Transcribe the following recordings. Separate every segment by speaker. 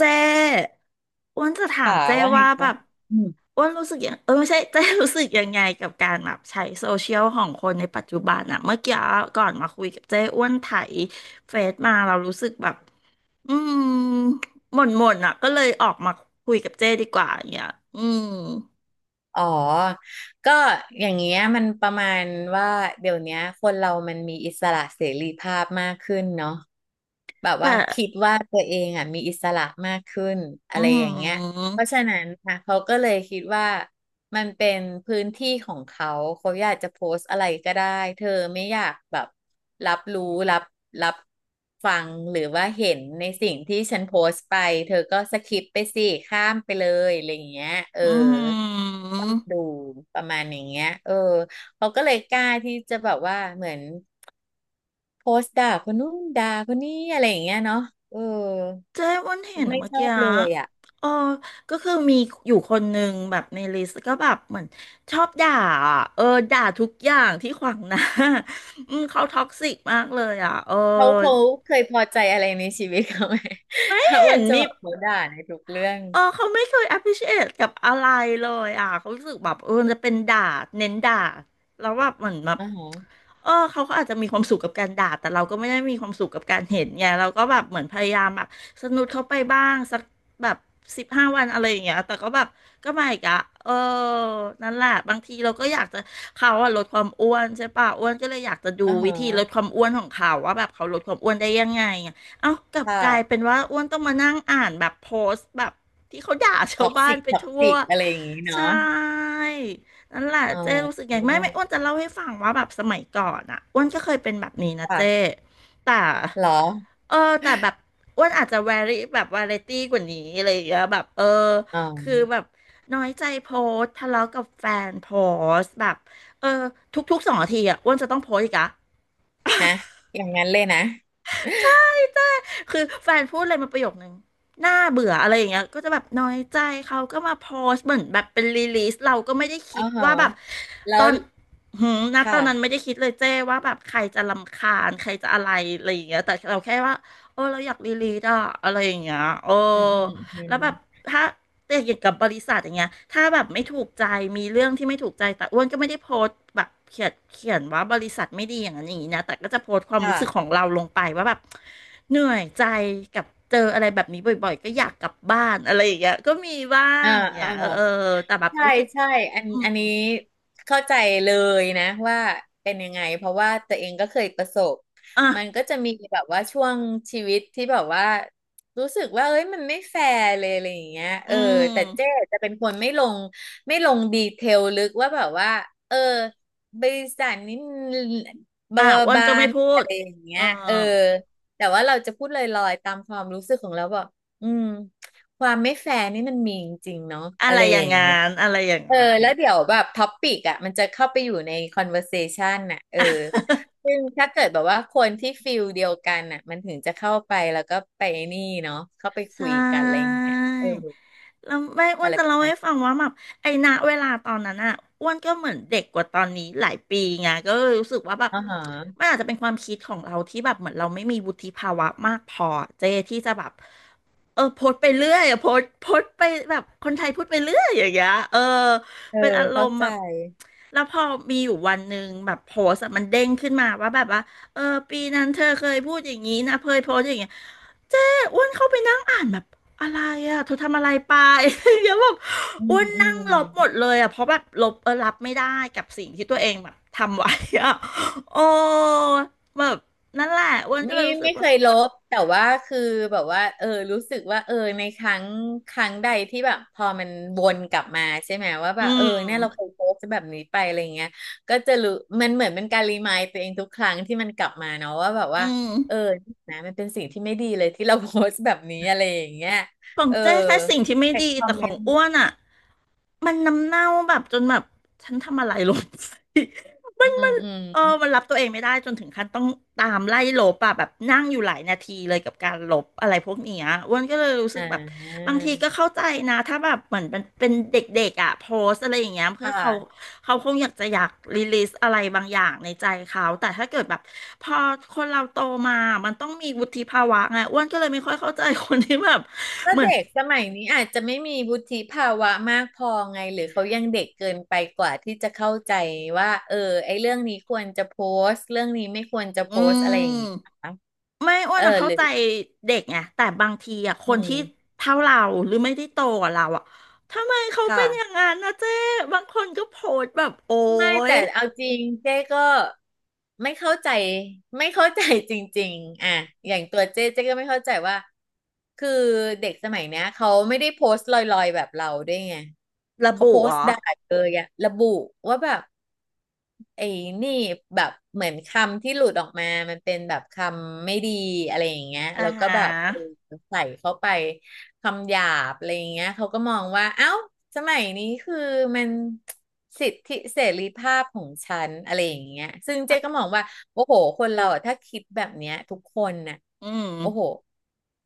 Speaker 1: เจ้อ้วนจะถาม
Speaker 2: ค่ะ
Speaker 1: เจ้
Speaker 2: ว่าไง
Speaker 1: ว่าแบ
Speaker 2: คะ
Speaker 1: บ
Speaker 2: อืม
Speaker 1: อ้วนรู้สึกยังไม่ใช่เจ้รู้สึกยังไงกับการแบบใช้โซเชียลของคนในปัจจุบันอะเมื่อกี้ก่อนมาคุยกับเจ้อ้วนไถเฟซมาเรารู้สึกแบบอืมหม่นหม่นอะก็เลยออกมาคุยกับเจ้ดีกว่าอย่างเงี้ยอืม
Speaker 2: อ๋อ ก็อย่างเงี้ยมันประมาณว่าเดี๋ยวเนี้ยคนเรามันมีอิสระเสรีภาพมากขึ้นเนาะแบบ
Speaker 1: แต่
Speaker 2: ว่าคิดว่าตัวเองอ่ะมีอิสระมากขึ้น
Speaker 1: อื
Speaker 2: อะไรอย่างเงี้ย
Speaker 1: ม
Speaker 2: เพราะฉะนั้นค่ะเขาก็เลยคิดว่ามันเป็นพื้นที่ของเขาเขาอยากจะโพสต์อะไรก็ได้เธอไม่อยากแบบรับรู้รับรับฟังหรือว่าเห็นในสิ่งที่ฉันโพสต์ไปเธอก็สคิปไปสิข้ามไปเลยอะไรอย่างเงี้ยเออ
Speaker 1: อื
Speaker 2: ต้อง
Speaker 1: ม
Speaker 2: ดูประมาณอย่างเงี้ยเออเขาก็เลยกล้าที่จะแบบว่าเหมือนโพสต์ด่าคนนู้นด่าคนนี้อะไรอย่างเงี้ยเนาะเออ
Speaker 1: เจ๊อ้วันเห็นอะ
Speaker 2: ไม่
Speaker 1: เมื่อ
Speaker 2: ชอ
Speaker 1: กี้
Speaker 2: บ
Speaker 1: อะ
Speaker 2: เลยอ่ะ
Speaker 1: เออก็คือมีอยู่คนหนึ่งแบบในลิสต์ก็แบบเหมือนชอบด่าอะเออ ด่าทุกอย่างที่ขวางหน้า อืมเขาท็อกซิกมากเลยอ่ะเออ
Speaker 2: เขาเคยพอใจอะไรในชีวิตเขาไหม
Speaker 1: ไม่
Speaker 2: ถ้าอ้
Speaker 1: เห็
Speaker 2: ว
Speaker 1: น
Speaker 2: นจะ
Speaker 1: มี
Speaker 2: บอกเขาด่าในทุกเรื่อง
Speaker 1: เออเขาไม่เคย appreciate กับอะไรเลยอ่ะเขารู้สึกแบบเออจะเป็นด่าเน้นด่าแล้วแบบเหมือนแบบ
Speaker 2: อ่าฮะ
Speaker 1: เออเขาก็อาจจะมีความสุขกับการด่าแต่เราก็ไม่ได้มีความสุขกับการเห็นไงเราก็แบบเหมือนพยายามแบบสนุดเขาไปบ้างสักแบบ15 วันอะไรอย่างเงี้ยแต่ก็แบบก็ไม่อีกอะเออนั่นแหละบางทีเราก็อยากจะเขาอะลดความอ้วนใช่ป่ะอ้วนก็เลยอยากจะดู
Speaker 2: อ่า
Speaker 1: วิ
Speaker 2: ฮะ
Speaker 1: ธีลดความอ้วนของเขาว่าแบบเขาลดความอ้วนได้ยังไงอะเอากลับ
Speaker 2: ค่ะ
Speaker 1: กลายเป็นว่าอ้วนต้องมานั่งอ่านแบบโพสต์แบบ ที่เขาด่าชา
Speaker 2: ท็
Speaker 1: ว
Speaker 2: อก
Speaker 1: บ้า
Speaker 2: ซิ
Speaker 1: น
Speaker 2: ก
Speaker 1: ไป
Speaker 2: ท็อก
Speaker 1: ทั่ว
Speaker 2: ซิกอะไรอย่างงี้
Speaker 1: ใช่
Speaker 2: เนาะ
Speaker 1: นั่นแหละ
Speaker 2: อ๋อ
Speaker 1: เจ้รู้สึกไงไม่อ้วนจะเล่าให้ฟังว่าแบบสมัยก่อนอ่ะอ้วนก็เคยเป็นแบบนี้นะเจ้
Speaker 2: ค่ะ
Speaker 1: แต่
Speaker 2: เหรอ
Speaker 1: เออแต่แบบอ้วนอาจจะแวรี่แบบวาไรตี้กว่านี้อะไรอย่างเงี้ยแบบเออ
Speaker 2: อ๋
Speaker 1: คือแบบ
Speaker 2: อ
Speaker 1: น้อยใจโพสต์ทะเลาะกับแฟนโพสต์แบบเออทุกๆ2 นาทีอ่ะอ้วนจะต้องโพสต์อีกอะ
Speaker 2: นะอย่างนั้นเลยนะ
Speaker 1: คือแฟนพูดอะไรมาประโยคนึงน่าเบื่ออะไรอย่างเงี้ยก็จะแบบน้อยใจเขาก็มาโพสต์เหมือนแบบเป็นรีลีสเราก็ไม่ได้
Speaker 2: อ๋
Speaker 1: คิ
Speaker 2: อ
Speaker 1: ด
Speaker 2: ฮะ
Speaker 1: ว่าแบบ
Speaker 2: แล้
Speaker 1: ตอ
Speaker 2: ว
Speaker 1: นนะตอนนั้น
Speaker 2: ค่ะ
Speaker 1: ไม่ได้คิดเลยเจ้ว่าแบบใครจะรำคาญใครจะอะไรอะไรอย่างเงี้ยแต่เราแค่ว่าโอ้เราอยากรีลีสอะอะไรอย่างเงี้ยโอ้
Speaker 2: อืมอืมอื
Speaker 1: แล้
Speaker 2: ม
Speaker 1: วแบบถ้า แต่อย่างกับบริษัทอย่างเงี้ยถ้าแบบไม่ถูกใจ มีเรื่องที่ไม่ถูกใจ แต่อ้วนก็ไม่ได้โพสต์แบบเขียนว่าบริษัทไม่ดีอย่างนั้นอย่างนี้นะแต่ก็จะโพสต์ความรู้สึกขอ
Speaker 2: ค่ะ
Speaker 1: งเราลงไปว่าแบบเหนื่อยใจกับเจออะไรแบบนี้บ่อยๆก็อยากกลับบ้านอะไรอย่างเงี้ยก็มีบ้า
Speaker 2: อ่า
Speaker 1: งอย่างเงี้
Speaker 2: อ่า
Speaker 1: ยเออเออแต่แบบ
Speaker 2: ใช่
Speaker 1: รู้สึก
Speaker 2: ใช่อัน
Speaker 1: อื
Speaker 2: อั
Speaker 1: ม
Speaker 2: นนี้เข้าใจเลยนะว่าเป็นยังไงเพราะว่าตัวเองก็เคยประสบ
Speaker 1: อ่ะ
Speaker 2: มันก็จะมีแบบว่าช่วงชีวิตที่แบบว่ารู้สึกว่าเอ้ยมันไม่แฟร์เลยอะไรอย่างเงี้ยเอ
Speaker 1: อื
Speaker 2: อแต่เจ๊
Speaker 1: ม
Speaker 2: จะเป็นคนไม่ลงไม่ลงดีเทลลึกว่าแบบว่าเออบริษัทนี้บา
Speaker 1: อ่ะ
Speaker 2: บา
Speaker 1: อ้วน
Speaker 2: บา
Speaker 1: ก็ไม่
Speaker 2: น
Speaker 1: พู
Speaker 2: อะ
Speaker 1: ด
Speaker 2: ไรอย่างเงี้
Speaker 1: เออ
Speaker 2: ยเออแต่ว่าเราจะพูดลอยๆตามความรู้สึกของเราบอกอืมความไม่แฟร์นี่มันมีจริงๆเนาะ
Speaker 1: อะ
Speaker 2: อะ
Speaker 1: ไร
Speaker 2: ไร
Speaker 1: อ
Speaker 2: อ
Speaker 1: ย่าง
Speaker 2: ย่าง
Speaker 1: งา
Speaker 2: เงี้ย
Speaker 1: นอะไรอย่าง
Speaker 2: เออ
Speaker 1: งาน
Speaker 2: แล้วเดี๋ยวแบบท็อปิกอ่ะมันจะเข้าไปอยู่ใน conversation น่ะเออซึ่งถ้าเกิดแบบว่าคนที่ฟิลเดียวกันน่ะมันถึงจะเข้าไปแล้วก็ไปนี่เนาะเข้าไป
Speaker 1: ใช
Speaker 2: คุยกันอะไรอย่า
Speaker 1: ่
Speaker 2: งเงี้ยเออ
Speaker 1: แล้วแม่อ้ว
Speaker 2: อะ
Speaker 1: น
Speaker 2: ไร
Speaker 1: จะ
Speaker 2: ประ
Speaker 1: เล่า
Speaker 2: มาณ
Speaker 1: ให้ฟัง
Speaker 2: นี้
Speaker 1: ว่าแบบไอ้ณเวลาตอนนั้นอ่ะอ้วนก็เหมือนเด็กกว่าตอนนี้หลายปีไงก็เลยรู้สึกว่าแบบ
Speaker 2: อ๋อฮะ
Speaker 1: มันอาจจะเป็นความคิดของเราที่แบบเหมือนเราไม่มีวุฒิภาวะมากพอเจที่จะแบบเออโพสต์ไปเรื่อยอะโพสต์ไปแบบคนไทยพูดไปเรื่อยอย่างเงี้ยเออ
Speaker 2: เออ
Speaker 1: เป็นอาร
Speaker 2: เข้า
Speaker 1: มณ์
Speaker 2: ใจ
Speaker 1: แบบแล้วพอมีอยู่วันหนึ่งแบบโพสต์อะมันเด้งขึ้นมาว่าแบบว่าเออปีนั้นเธอเคยพูดอย่างนี้นะเคยโพสต์อย่างเงี้ย เจ๊อ้วนเข้าไปนั่งอ่านแบบอะไรอ่ะเธอทำอะไรไป เดี๋ยวแบบ
Speaker 2: อืม
Speaker 1: อ้วน
Speaker 2: อื
Speaker 1: นั่ง
Speaker 2: ม
Speaker 1: ลบหมดเลยอ่ะเพราะแบบลบเออรับไม่ได้กับสิ่งที่ตัวเองแบบทำไว้อ่ะ โอ้แบบนั่นแหละอ้วนก็
Speaker 2: ไม่
Speaker 1: เลยรู้สึก
Speaker 2: ไม่เค
Speaker 1: ว่า
Speaker 2: ยลบแต่ว่าคือแบบว่าเออรู้สึกว่าเออในครั้งครั้งใดที่แบบพอมันวนกลับมาใช่ไหมว่าแบ
Speaker 1: อื
Speaker 2: บเออ
Speaker 1: ม
Speaker 2: เนี่ยเราเคยโพสต์แบบนี้ไปอะไรเงี้ยก็จะรู้มันเหมือนเป็นการรีมายตัวเองทุกครั้งที่มันกลับมาเนาะว่าแบบ
Speaker 1: อื
Speaker 2: ว่า
Speaker 1: ม
Speaker 2: เออนะมันเป็นสิ่งที่ไม่ดีเลยที่เราโพสต์แบบนี้อะไรอย่างเงี้ย
Speaker 1: ของ
Speaker 2: เออ
Speaker 1: เจ๊แค่สิ่งที่ไม่
Speaker 2: แต่
Speaker 1: ดี
Speaker 2: คอ
Speaker 1: แต่
Speaker 2: ม
Speaker 1: ข
Speaker 2: เม
Speaker 1: อ
Speaker 2: น
Speaker 1: ง
Speaker 2: ต์
Speaker 1: อ้วนอ่ะมันน้ำเน่าแบบจนแบบฉันทำอะไรลงไป
Speaker 2: อืมอื
Speaker 1: เออ
Speaker 2: ม
Speaker 1: มันรับตัวเองไม่ได้จนถึงขั้นต้องตามไล่ลบอะแบบนั่งอยู่หลายนาทีเลยกับการลบอะไรพวกเนี้ยอ้วนก็เลยรู้
Speaker 2: อ
Speaker 1: สึกแบบ
Speaker 2: ่า
Speaker 1: บางทีก็เข้าใจนะถ้าแบบเหมือนมันเป็นเด็กๆอะโพสอะไรอย่างเงี้ย
Speaker 2: ค
Speaker 1: เพื่อเขา
Speaker 2: ่ะ
Speaker 1: เขาคงอยากจะอยากรีลีสอะไรบางอย่างในใจเขาแต่ถ้าเกิดแบบพอคนเราโตมา มันต้องมีวุฒิภาวะไงอ้วนก็เลยไม่ค่อยเข้าใจคนที่แบบ
Speaker 2: ก็
Speaker 1: เหมือน
Speaker 2: เด็กสมัยนี้อาจจะไม่มีวุฒิภาวะมากพอไงหรือเขายังเด็กเกินไปกว่าที่จะเข้าใจว่าเออไอ้เรื่องนี้ควรจะโพสต์เรื่องนี้ไม่ควรจะโพ
Speaker 1: อื
Speaker 2: สต์อะไรอย่างงี้นะ
Speaker 1: ม
Speaker 2: คะ
Speaker 1: ไม่อ้ว
Speaker 2: เอ
Speaker 1: น
Speaker 2: อ
Speaker 1: อะเข้า
Speaker 2: หรือ
Speaker 1: ใจเด็กไงแต่บางทีอะค
Speaker 2: อื
Speaker 1: นที่
Speaker 2: ม
Speaker 1: เท่าเราหรือไม่ได้โตกว่าเราอะทำไมเขาเป็
Speaker 2: ค่ะ
Speaker 1: นอย่างนั้นนะเจ๊บางคนก็โพสต์แบบโอ๊
Speaker 2: ไม่
Speaker 1: ย
Speaker 2: แต่เอาจริงเจ๊ก็ไม่เข้าใจไม่เข้าใจจริงๆอ่ะอย่างตัวเจ๊เจ๊ก็ไม่เข้าใจว่าคือเด็กสมัยเนี้ยเขาไม่ได้โพสต์ลอยๆแบบเราด้วยไง
Speaker 1: ระ
Speaker 2: เขา
Speaker 1: บุ
Speaker 2: โพส
Speaker 1: เหร
Speaker 2: ต์
Speaker 1: อ
Speaker 2: ด่าเลยอะระบุว่าแบบ ไอ้นี่แบบเหมือนคำที่หลุดออกมา มันเป็นแบบคำไม่ดีอะไรอย่างเงี้ย
Speaker 1: อ่า
Speaker 2: แล้วก็
Speaker 1: ฮะ
Speaker 2: แบบเออใส่เข้าไปคำหยาบอะไรอย่างเงี้ยเขาก็มองว่าเอ้าสมัยนี้คือมันสิทธิเสรีภาพของฉันอะไรอย่างเงี้ยซึ่งเจ๊
Speaker 1: แต่
Speaker 2: ก็มองว่าโอ้โหคนเราอะถ้าคิดแบบเนี้ยทุกคนน่ะ
Speaker 1: อืม
Speaker 2: โอ้โห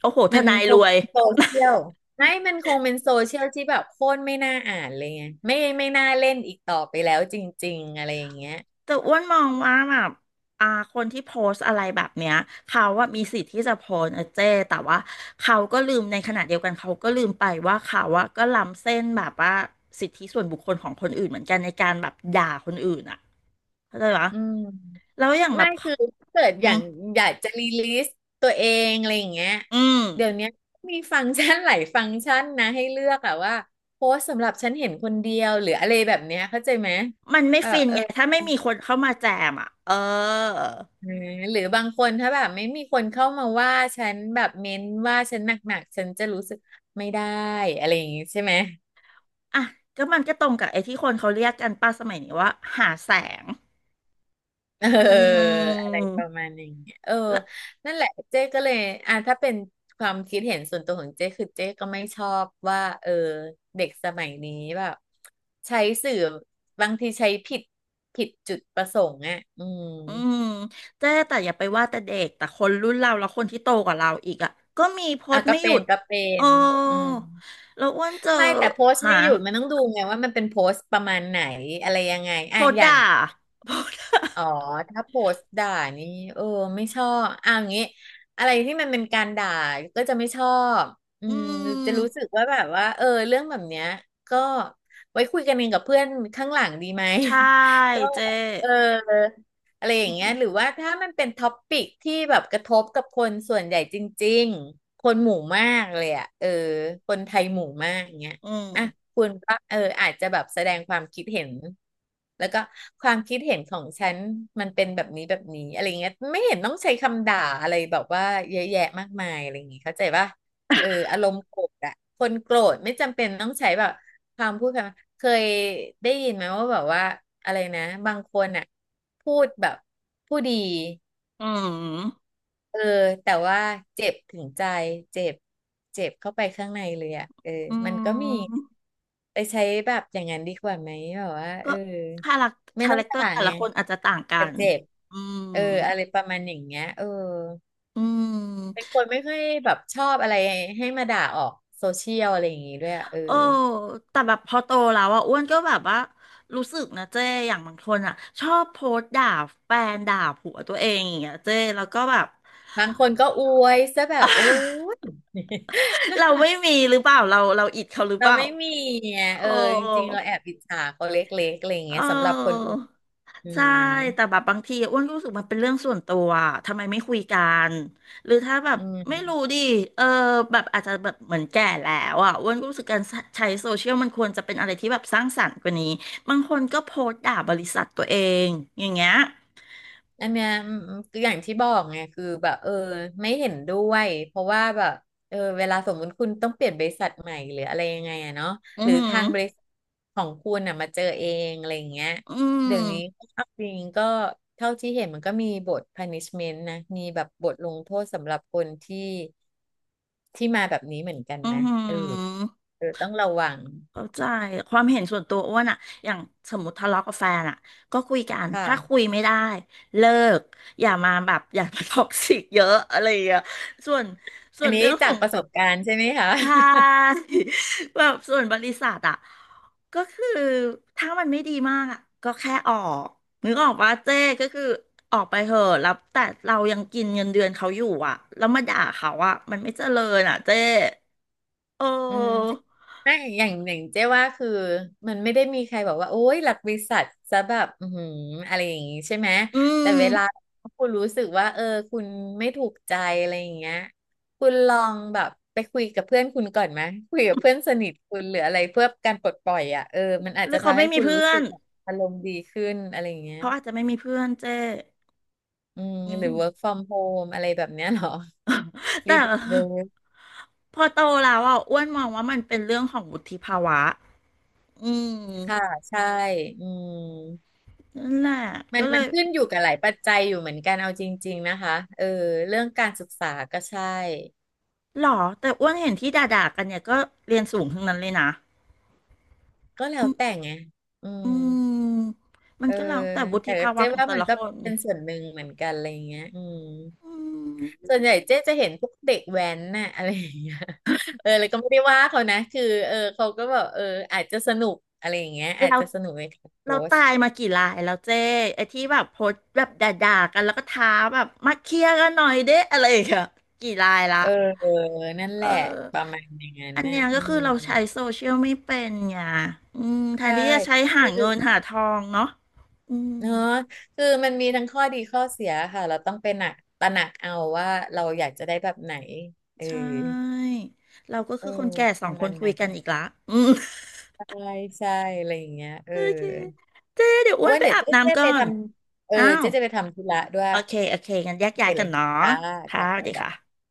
Speaker 1: โอ้โหท
Speaker 2: มัน
Speaker 1: นาย
Speaker 2: ค
Speaker 1: ร
Speaker 2: ง
Speaker 1: วย
Speaker 2: เป็นโซเชียลไม่มันคงเป็นโซเชียลที่แบบโคตรไม่น่าอ่านเลยไงไม่น่าเล่นอีกต่อไปแล้วจริงๆอะไรอย่างเงี้ย
Speaker 1: แต่อ้วนมองว่าแบบอ่าคนที่โพสต์อะไรแบบเนี้ยเขาว่ามีสิทธิ์ที่จะโพสต์นะเจ้แต่ว่าเขาก็ลืมในขณะเดียวกันเขาก็ลืมไปว่าเขาอะก็ล้ำเส้นแบบว่าสิทธิส่วนบุคคลของคนอื่นเหมือนกันในการแบบด่าคนอื่นอ่ะเข้าใจปะ
Speaker 2: อืม
Speaker 1: แล้วอย่างแบ
Speaker 2: ไม่
Speaker 1: บ
Speaker 2: คือถ้าเกิด
Speaker 1: อื
Speaker 2: อย่า
Speaker 1: ม
Speaker 2: งอยากจะรีลิสตัวเองอะไรอย่างเงี้ย
Speaker 1: อืม
Speaker 2: เดี๋ยวเนี้ยมีฟังก์ชันหลายฟังก์ชันนะให้เลือกอะว่าโพสต์สำหรับฉันเห็นคนเดียวหรืออะไรแบบเนี้ยเข้าใจไหม
Speaker 1: มันไม่
Speaker 2: เออ
Speaker 1: ฟิน
Speaker 2: เออ
Speaker 1: ไงถ้าไม่มีคนเข้ามาแจมอ่ะเออ
Speaker 2: อ่าหรือบางคนถ้าแบบไม่มีคนเข้ามาว่าฉันแบบเม้นว่าฉันหนักๆฉันจะรู้สึกไม่ได้อะไรอย่างงี้ใช่ไหม
Speaker 1: อ่ะก็มันก็ตรงกับไอ้ที่คนเขาเรียกกันป้าสมัยนี้ว่าหาแสง
Speaker 2: เออ
Speaker 1: อื
Speaker 2: อะไรป
Speaker 1: ม
Speaker 2: ระมาณอย่างเงี้ยเออนั่นแหละเจ๊ก็เลย อ่ะถ้าเป็นความคิดเห็นส่วนตัวของเจ๊คือเจ๊ก็ไม่ชอบว่าเออเด็กสมัยนี้แบบใช้สื่อบางทีใช้ผิดผิดจุดประสงค์อ่ะอืม
Speaker 1: อืมเจ๊แต่อย่าไปว่าแต่เด็กแต่คนรุ่นเราแล้วคนที่โตกว่าเราอีกอ่ะก็มีโพ
Speaker 2: อ่ะ
Speaker 1: สต์
Speaker 2: ก็
Speaker 1: ไม่หยุ
Speaker 2: เป็น
Speaker 1: ด
Speaker 2: ก็เป็
Speaker 1: เออ
Speaker 2: นอืม
Speaker 1: แล้วอ้วนเจอ
Speaker 2: ไม่แต่โพสต์
Speaker 1: หา
Speaker 2: ไม่หยุดมันต้องดูไงว่ามันเป็นโพสต์ประมาณไหนอะไรยังไง
Speaker 1: โพ
Speaker 2: อ่ะ
Speaker 1: ส
Speaker 2: อ
Speaker 1: ต์
Speaker 2: ย่าง
Speaker 1: ด่าโพสต์ด่า
Speaker 2: อ๋อถ้าโพสต์ด่านี่เออไม่ชอบอ่ะอย่างงี้อะไรที่มันเป็นการด่าก็จะไม่ชอบอื
Speaker 1: อื
Speaker 2: มจะรู้สึก
Speaker 1: ม
Speaker 2: ว่าแบบว่าเออเรื่องแบบเนี้ยก็ไว้คุยกันเองกับเพื่อนข้างหลังดีไหม
Speaker 1: ใช่
Speaker 2: ก็
Speaker 1: เจ๊
Speaker 2: เอออะไรอย่า
Speaker 1: อื
Speaker 2: งเงี้ยหรือ
Speaker 1: ม
Speaker 2: ว่าถ้ามันเป็นท็อปปิกที่แบบกระทบกับคนส่วนใหญ่จริงๆคนหมู่มากเลยอ่ะเออคนไทยหมู่มากอย่างเงี้ย
Speaker 1: อืม
Speaker 2: อ่ะคุณก็อาจจะแบบแสดงความคิดเห็นแล้วก็ความคิดเห็นของฉันมันเป็นแบบนี้แบบนี้อะไรเงี้ยไม่เห็นต้องใช้คำด่าอะไรแบบว่าเยอะแยะมากมายอะไรอย่างงี้เข้าใจป่ะอารมณ์โกรธอะคนโกรธไม่จำเป็นต้องใช้แบบความพูดคำเคยได้ยินไหมว่าแบบว่าอะไรนะบางคนอะพูดแบบผู้ดี
Speaker 1: อืม
Speaker 2: เออแต่ว่าเจ็บถึงใจเจ็บเจ็บเข้าไปข้างในเลยอ่ะ
Speaker 1: อื
Speaker 2: มันก็มี
Speaker 1: ม
Speaker 2: ไปใช้แบบอย่างนั้นดีกว่าไหมแบบว่า
Speaker 1: ก็คาแรค
Speaker 2: ไม่
Speaker 1: คา
Speaker 2: ต้อ
Speaker 1: แร
Speaker 2: ง
Speaker 1: คเตอร์
Speaker 2: จ่าย
Speaker 1: แต่
Speaker 2: ไง
Speaker 1: ละคนอาจจะต่างกั
Speaker 2: แต่
Speaker 1: น
Speaker 2: เจ็บ
Speaker 1: อืม
Speaker 2: เอออะไรประมาณอย่างเงี้ย
Speaker 1: อื
Speaker 2: เป็น
Speaker 1: ม
Speaker 2: คนไม่ค่อยแบบชอบอะไรให้มาด่าออกโซเชียลอะไรอย่างงี้ด้วยอะ
Speaker 1: เออแต่แบบพอโตแล้วอ่ะอ้วนก็แบบว่ารู้สึกนะเจ้อย่างบางคนอ่ะชอบโพสต์ด่าแฟนด่าผัวตัวเองอย่างเงี้ยเจ้แล้วก็แบบ
Speaker 2: บางคนก็อวยซะแบบโอ้ ย
Speaker 1: เราไม่มีหรือเปล่าเราอิดเขาหรื อเป
Speaker 2: เรา
Speaker 1: ล่า
Speaker 2: ไม่มีไง
Speaker 1: โอ้
Speaker 2: จริงๆเราแอบอิจฉาเขาเล็กๆอะไรอย่างเงี้
Speaker 1: เอ
Speaker 2: ยสำหรับคน
Speaker 1: อ
Speaker 2: อวบอื
Speaker 1: ใช่
Speaker 2: ม
Speaker 1: แต่แบบบางทีอ้วนก็รู้สึกมันเป็นเรื่องส่วนตัวอะทำไมไม่คุยกันหรือถ้าแบบ
Speaker 2: อื
Speaker 1: ไม่รู้
Speaker 2: ม
Speaker 1: ดิเออแบบอาจจะแบบเหมือนแก่แล้วอ่ะอ้วนก็รู้สึกการใช้โซเชียลมันควรจะเป็นอะไรที่แบบสร้างสรรค์กว่านี้บางคนก็โพสต์ด่าบริษัทตัวเองอย่างเงี้ย
Speaker 2: อันเนี้ยอืมคืออย่างที่บอกไงคือแบบไม่เห็นด้วยเพราะว่าแบบเวลาสมมติคุณต้องเปลี่ยนบริษัทใหม่หรืออะไรยังไงอะเนาะ
Speaker 1: อื
Speaker 2: ห
Speaker 1: อ
Speaker 2: รือ
Speaker 1: หือ
Speaker 2: ทางบริษัทของคุณอะมาเจอเองอะไรอย่างเงี้ย
Speaker 1: อื
Speaker 2: เดี๋
Speaker 1: ม
Speaker 2: ยวนี้เอาจริงก็เท่าที่เห็นมันก็มีบท punishment นะมีแบบบทลงโทษสำหรับคนที่มาแบบนี้เหมือนกัน
Speaker 1: อือ
Speaker 2: นะ
Speaker 1: หือ
Speaker 2: เออต้องระวัง
Speaker 1: เข้าใจความเห็นส่วนตัวอ้วนอะอย่างสมมติทะเลาะกับแฟนอะก็คุยกันถ้า
Speaker 2: ค่ะ
Speaker 1: คุยไม่ได้เลิกอย่ามาแบบอย่ามาท็อกซิกเยอะอะไรอย่างเงี้ยส่วนส่
Speaker 2: อั
Speaker 1: ว
Speaker 2: น
Speaker 1: น
Speaker 2: นี้
Speaker 1: เรื่องข
Speaker 2: จา
Speaker 1: อ
Speaker 2: ก
Speaker 1: ง
Speaker 2: ประสบการณ์ใช่ไหมคะ
Speaker 1: ทาย แบบส่วนบริษัทอะก็คือถ้ามันไม่ดีมากอะก็แค่ออกนึกออกว่าเจ้ก็คือออกไปเหอะแล้วแต่เรายังกินเงินเดือนเขาอยู่อะแล้วมาด่าเขาอะมันไม่เจริญอะเจ้เ
Speaker 2: อืม
Speaker 1: ออ
Speaker 2: ไม่อย่างเจ๊ว่าคือมันไม่ได้มีใครบอกว่าโอ๊ยหลักบริษัทจะแบบอือหืออะไรอย่างงี้ใช่ไหม
Speaker 1: อื
Speaker 2: แต่
Speaker 1: ม
Speaker 2: เวลาคุณรู้สึกว่าคุณไม่ถูกใจอะไรอย่างเงี้ยคุณลองแบบไปคุยกับเพื่อนคุณก่อนไหมคุยกับเพื่อนสนิทคุณหรืออะไรเพื่อการปลดปล่อยอ่ะมันอา
Speaker 1: ห
Speaker 2: จ
Speaker 1: รื
Speaker 2: จะ
Speaker 1: อเขา
Speaker 2: ทำ
Speaker 1: ไม่
Speaker 2: ให้
Speaker 1: มี
Speaker 2: คุณ
Speaker 1: เพื่
Speaker 2: รู้
Speaker 1: อ
Speaker 2: สึ
Speaker 1: น
Speaker 2: กแบบอารมณ์ดีขึ้นอะไรอย่างเงี้ย
Speaker 1: เขาอาจจะไม่มีเพื่อนเจ้
Speaker 2: อืม
Speaker 1: อื
Speaker 2: หรื
Speaker 1: ม
Speaker 2: อ work from home อะไรแบบเนี้ยเหรอรี
Speaker 1: แต่
Speaker 2: โมท เวิร์
Speaker 1: พอโตแล้วอ่ะอ้วนมองว่ามันเป็นเรื่องของวุฒิภาวะอืม
Speaker 2: ค่ะใช่อืม
Speaker 1: นั่นแหละ
Speaker 2: มั
Speaker 1: ก็
Speaker 2: น
Speaker 1: เลย
Speaker 2: ขึ้นอยู่กับหลายปัจจัยอยู่เหมือนกันเอาจริงๆนะคะเรื่องการศึกษาก็ใช่
Speaker 1: หรอแต่อ้วนเห็นที่ด่าๆกันเนี่ยก็เรียนสูงทั้งนั้นเลยนะ
Speaker 2: ก็แล้
Speaker 1: อื
Speaker 2: ว
Speaker 1: ม
Speaker 2: แต่ไงอืม
Speaker 1: อืมมัน
Speaker 2: เออ
Speaker 1: ก็แล้วแต่วุ
Speaker 2: แต่
Speaker 1: ฒิภาวะ
Speaker 2: เจ๊
Speaker 1: ของ
Speaker 2: ว่า
Speaker 1: แต่
Speaker 2: มัน
Speaker 1: ละ
Speaker 2: ก็
Speaker 1: คน
Speaker 2: เป็นส่วนหนึ่งเหมือนกันอะไรอย่างเงี้ยอืม
Speaker 1: อืม
Speaker 2: ส่วนใหญ่เจ๊จะเห็นพวกเด็กแว้นน่ะ อะไรอย่างเงี้ยเลยก็ไม่ได้ว่าเขานะคือเขาก็แบบอาจจะสนุกอะไรอย่างเงี้ยอาจ
Speaker 1: เรา
Speaker 2: จะสนุกในการโพ
Speaker 1: เรา
Speaker 2: สต์
Speaker 1: ตายมากี่รายแล้วเจ้ไอ้ที่แบบโพสต์แบบด่าๆกันแล้วก็ท้าแบบมาเคลียร์กันหน่อยเด้อะไรอย่างเงี้ยกี่รายละ
Speaker 2: เออนั่นแห
Speaker 1: เอ
Speaker 2: ละ
Speaker 1: อ
Speaker 2: ประมาณอย่างนั้น
Speaker 1: อัน
Speaker 2: น่ะ
Speaker 1: เนี้ย
Speaker 2: อื
Speaker 1: ก็คื
Speaker 2: ม
Speaker 1: อเราใช้โซเชียลไม่เป็นไงอืมแท
Speaker 2: ใช
Speaker 1: นที่จะใช้
Speaker 2: ่
Speaker 1: หาเงินหาทองเนาะอืม
Speaker 2: เนอะคือมันมีทั้งข้อดีข้อเสียค่ะเราต้องไปหนักตระหนักเอาว่าเราอยากจะได้แบบไหนเออ
Speaker 1: ใช่เราก็
Speaker 2: เอ
Speaker 1: คื
Speaker 2: อ
Speaker 1: อคนแก่ส
Speaker 2: ป
Speaker 1: อง
Speaker 2: ระ
Speaker 1: ค
Speaker 2: มา
Speaker 1: น
Speaker 2: ณ
Speaker 1: คุ
Speaker 2: นั้
Speaker 1: ย
Speaker 2: น
Speaker 1: กันอีกละอืม
Speaker 2: ใช่ใช่อะไรอย่างเงี้ย
Speaker 1: โอเคเจ๊เดี๋ยวอ้ว
Speaker 2: อ้
Speaker 1: น
Speaker 2: วน
Speaker 1: ไป
Speaker 2: เดี๋ยว
Speaker 1: อาบ
Speaker 2: เจ๊
Speaker 1: น้ำก่อ
Speaker 2: ไปท
Speaker 1: น
Speaker 2: ำ
Speaker 1: อ้าว
Speaker 2: เจ๊จะไปทำธุระด้วย
Speaker 1: โอเคโอเคงั้นแยก
Speaker 2: โอเค
Speaker 1: ย้าย
Speaker 2: เล
Speaker 1: กัน
Speaker 2: ย
Speaker 1: เนาะ
Speaker 2: ค่ะ
Speaker 1: ค่ะ
Speaker 2: จ้า
Speaker 1: สวัส
Speaker 2: จ้าบ๊าย
Speaker 1: ดี
Speaker 2: บาย
Speaker 1: ค่ะ